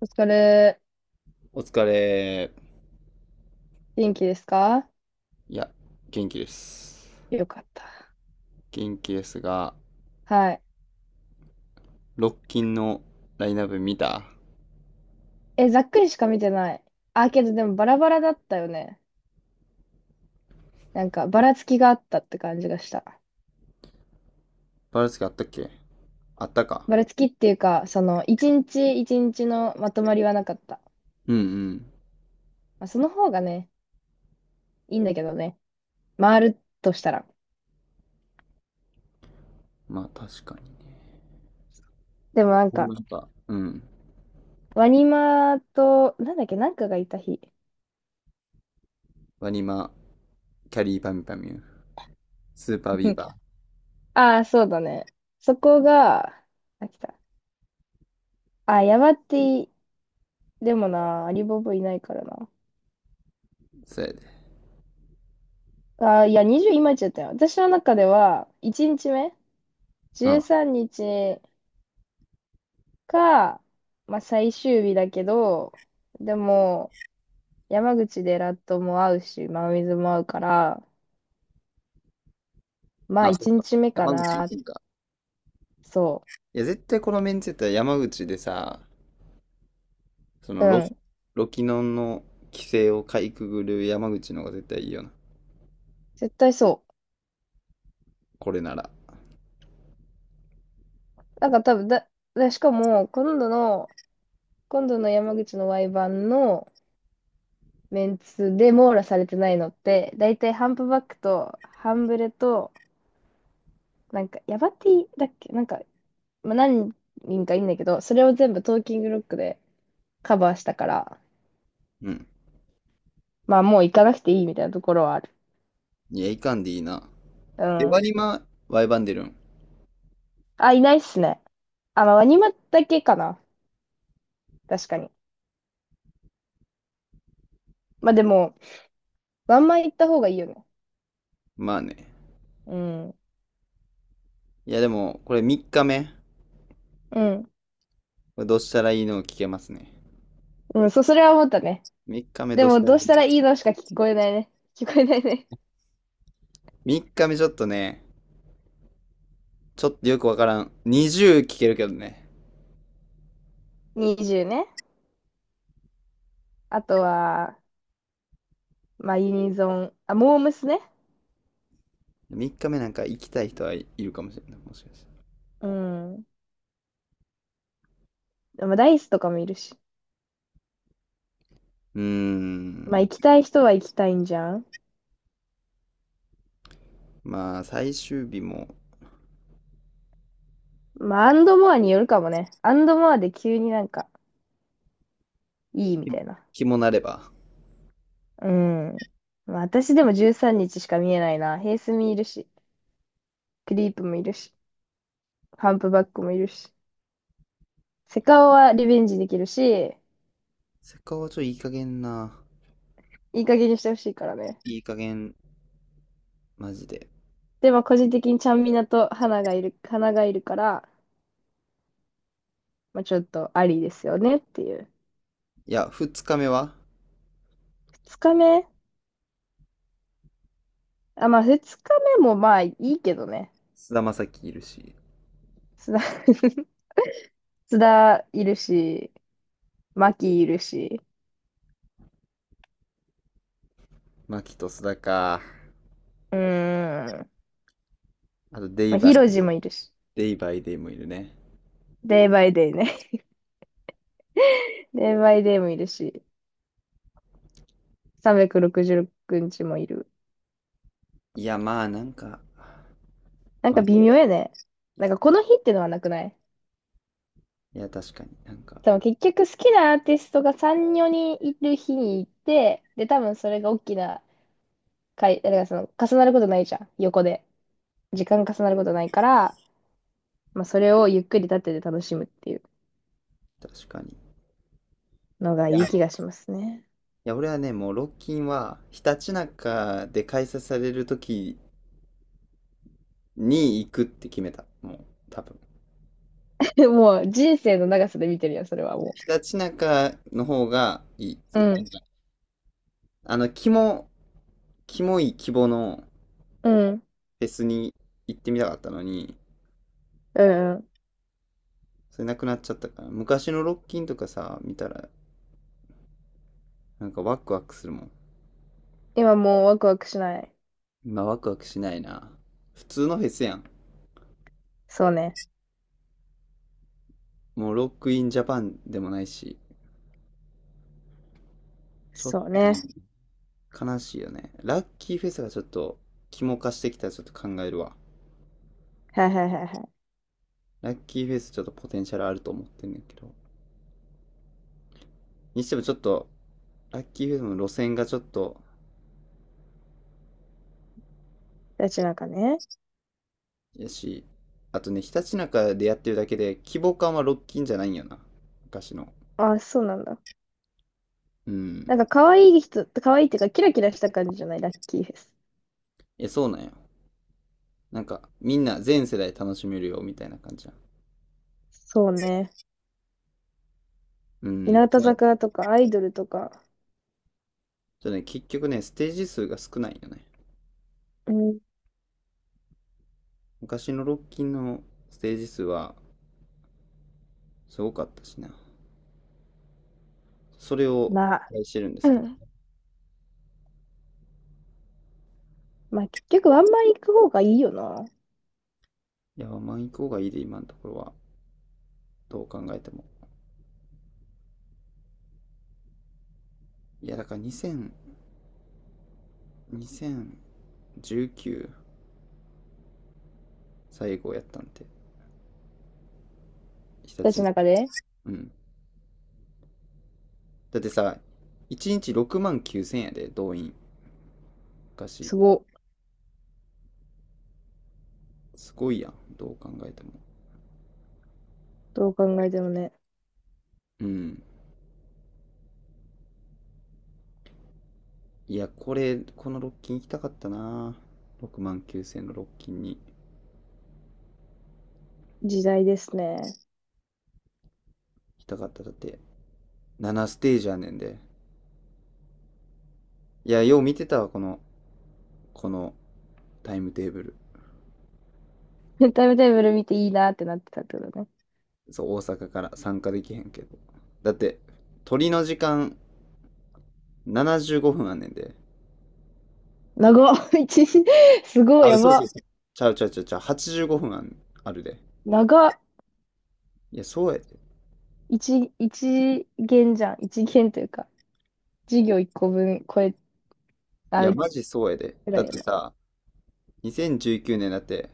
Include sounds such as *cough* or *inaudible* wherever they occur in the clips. お疲れ。お疲れ。元気ですか？いや、元気です。よかった。元気ですが、はい。ロッキンのラインナップ見た。えざっくりしか見てない。あ、けどでもバラバラだったよね。なんか、ばらつきがあったって感じがした。バルスケあったっけ？あったか。ばらつきっていうか、その、一日一日のまとまりはなかった。うんうん。まあ、その方がね、いいんだけどね。回るとしたら。まあ確かにね。でもなんか、なんか、うん。ワニマと、なんだっけ、なんかがいた日。ワニマ、キャリーパミュパミュ、スーパービー *laughs* バああ、そうだね。そこが、あ、来た。あ、ヤバティ、でもな、アリボブいないからな。ー、そうやで。あー、いや、20今言っちゃったよ。私の中では、1日目、うん。13日か、まあ、最終日だけど、でも、山口でラットも会うし、真水も会うから、まあ、あ、そっ1か。日目か山口行な。くんか？そいや、絶対このメンツやったら山口でさ、そう。のうロ、ん。ロキノンの規制をかいくぐる山口の方が絶対いいよな。絶対そこれなら。う。なんか多分しかも、今度の山口の Y 版のメンツで網羅されてないのって、だいたいハンプバックと、ハンブレと、なんか、ヤバティだっけなんか、まあ、何人かいいんだけど、それを全部トーキングロックでカバーしたから、うん。まあもう行かなくていいみたいなところはある。いや、いかんでいいな。うエバん。ニマ、ワイバンデルン。あ、いないっすね。あ、まあワニマだけかな。確かに。まあでも、ワンマン行った方がいいよね。まあね。うん。いやでも、これ3日目。こうん。れどうしたらいいのを聞けますね。うん、そう、それは思ったね。3日目でどうしも、たらどういいしの？ たらいいのしか聞こえないね。聞こえないね。3 日目ちょっとね、ちょっとよくわからん。20聞けるけどね。20ね。あとは、まあユニゾン。あ、モームスね。3日目なんか行きたい人はいるかもしれない。もしかして。うん。まダイスとかもいるし。うーまあん。行きたい人は行きたいんじゃん。まあ、最終日もまあ、アンドモアによるかもね。アンドモアで急になんか、いいみたいな。気もなれば。うん。まあ、私でも13日しか見えないな。ヘイスミいるし、クリープもいるし、ハンプバックもいるし。セカオはリベンジできるし、せっかくはちょっといい加減な。いい加減にしてほしいからね。いい加減、マジで。でも個人的にちゃんみなと花がいるから、まあ、ちょっとありですよねっていう。いや、2日目は二日目あ、まあ二日目もまあいいけどね。菅田将暉いるし。須田 *laughs* 須田いるし、マキいるし。牧と須田か。うーん。あと、まあ、ヒロジもいるし、デイバイデイもいるね。デイバイデイね。*laughs* デイバイデイもいるし、366日もいる。いや、まあ、なんか、なんまかあ、微妙やね。なんかこの日ってのはなくない？いや、確かに、なんか、多分結局好きなアーティストが3、4人いる日に行って、で、多分それが大きな回、だからその重なることないじゃん、横で。時間重なることないから、まあそれをゆっくり立ってて楽しむっていう確かに。いのがやいいいや、気がしますね。俺はね、もう、ロッキンは、ひたちなかで開催されるときに行くって決めた。もう、多分。*laughs* もう人生の長さで見てるよ、それはもひたちなかの方がいい。う。うん、あの、キモい規模のうん、フェスに行ってみたかったのに、うん、うん。それなくなっちゃったから。昔のロッキンとかさ、見たら、なんかワクワクするもん。今もうワクワクしない。今ワクワクしないな。普通のフェスやん。そうね。もうロックインジャパンでもないし、ちょっそうね。と悲しいよね。ラッキーフェスがちょっと、肝化してきたらちょっと考えるわ。はいはいはいはい。ラッキーフェスちょっとポテンシャルあると思ってんねんけど。にしてもちょっと、ラッキーフェスの路線がちょっと、ラッキーなんかね。やし、あとね、ひたちなかでやってるだけで、規模感はロッキンじゃないんよな。昔の。あ、そうなんだ。うなんん。か可愛いっていうかキラキラした感じじゃない、ラッキーフェス。え、そうなんよ。なんか、みんな全世代楽しめるよ、みたいな感じや。そうね。う日ん。向はい。坂とかアイドルとか。ちょっとね、結局ね、ステージ数が少ないよね。うん。昔のロッキンのステージ数はすごかったしな。それをま期あ、待してるんで *clears throat* うすけど。ん、まあ結局ワンマン行く方がいいよな。いや、まあ行こうがいいで、今のところは。どう考えても。いや、だから2000、2019最後やったんで、日たち立のの。中で。うん。だってさ、1日6万9000円やで、動員。昔。すごい。すごいやん、どう考えても。どう考えてもね。うん。いや、これ、このロッキン行きたかったな。6万9000のロッキンに行時代ですね。きたかった。だって、7ステージやねんで。いや、よう見てたわ、このタイムテーブル。*laughs* タイムテーブル見ていいなってなってたってことね。そう、大阪から参加できへんけど。だって、鳥の時間75分あんねんで。長っ。 *laughs* 一時、すごあ、い、やそうそうば。そう。ちゃうちゃうちゃうちゃう、85分あるで。長っ。いや、そうやで。一限じゃん。一限というか。授業1個分これいあや、ぐマジそうやで。だらっいやてな。さ、2019年だって、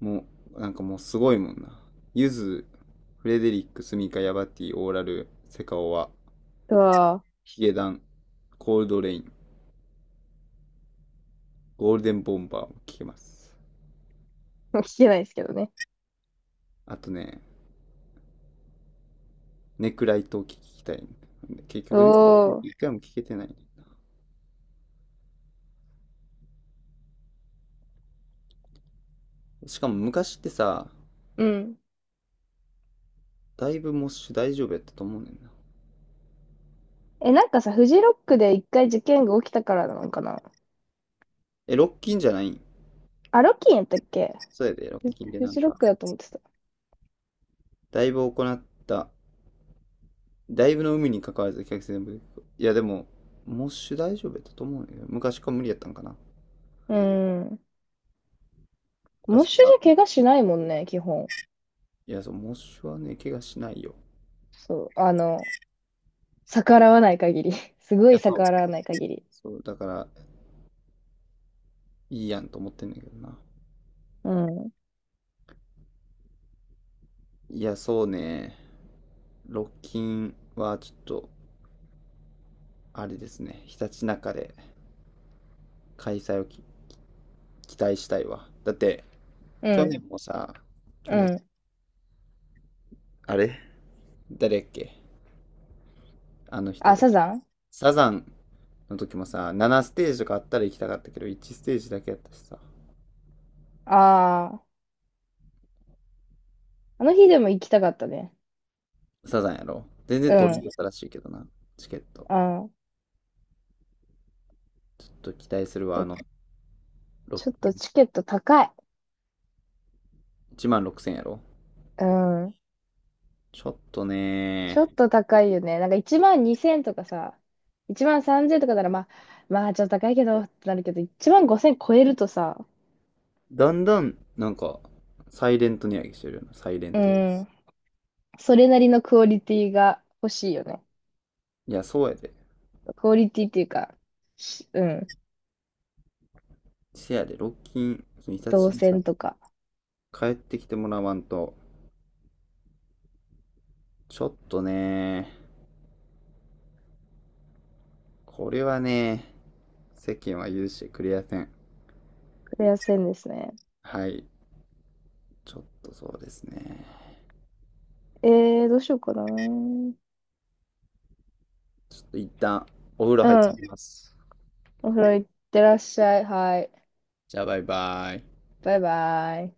もう、なんかもうすごいもんな。ゆず、フレデリック、スミカ、ヤバティ、オーラル、セカオワ、うわヒゲダン、コールドレイン、ゴールデンボンバーも聴けます。ぁ、*laughs* 聞けないですけどね。あとね、ネクライトを聴きたい。結局ね、おー、一回も聴けてない。しかも昔ってさ、うん。だいぶモッシュ大丈夫やったと思うねんな。え、なんかさ、フジロックで一回事件が起きたからなのかな？え、ロッキンじゃないん？あ、ロッキンやったっけ？そうやで、ロッフ、キンでフなんジロッか、クだと思ってた。だいぶ行った、だいぶの海に関わらず客全部。いやでも、モッシュ大丈夫やったと思うねんけ昔から無理やったんかな。うん。モッ昔シかュら。じゃ怪我しないもんね、基本。いや、そう、モッシュはね、怪我しないよ。そう、あの、逆らわない限り。*laughs* すごいいや、そう。逆らわない限り。そう、だから、いいやんと思ってんだけどな。うん。いや、そうね。ロッキンはちょっと、あれですね、ひたちなかで開催を期待したいわ。だって、う去ん。年もさ、う去年、ん。あれ誰やっけ？あの人あ、たサち。ザン、サザンの時もさ、7ステージとかあったら行きたかったけど、1ステージだけやったしさ、ああー、あの日でも行きたかったね。サザンやろ全然う取り入ん。れたらしいけどな、チケット。あー、ちょっと期待するちわ、あょ、の、ろちょっとチケット高い。1万6000やろ。うん。ちょっとちょね。っと高いよね。なんか1万2千とかさ、1万3千とかならまあ、まあちょっと高いけどってなるけど、1万5千超えるとさ、だんだん、なんか、サイレント値上げしてるよな、サイレント値上げ。うん。それなりのクオリティが欲しいよね。いや、そうやで。クオリティっていうか、しうん。せやで、ロッキン、日立動に線とか、帰ってきてもらわんと。ちょっとね、これはね、世間は許してくれやせん。クレア線ですね。はい。ちょっとそうですね。えー、どうしようかな。うん。ちょっと一旦お風呂入ってきます。お風呂行ってらっしゃい。はい。じゃあバイバイ。バイバイ。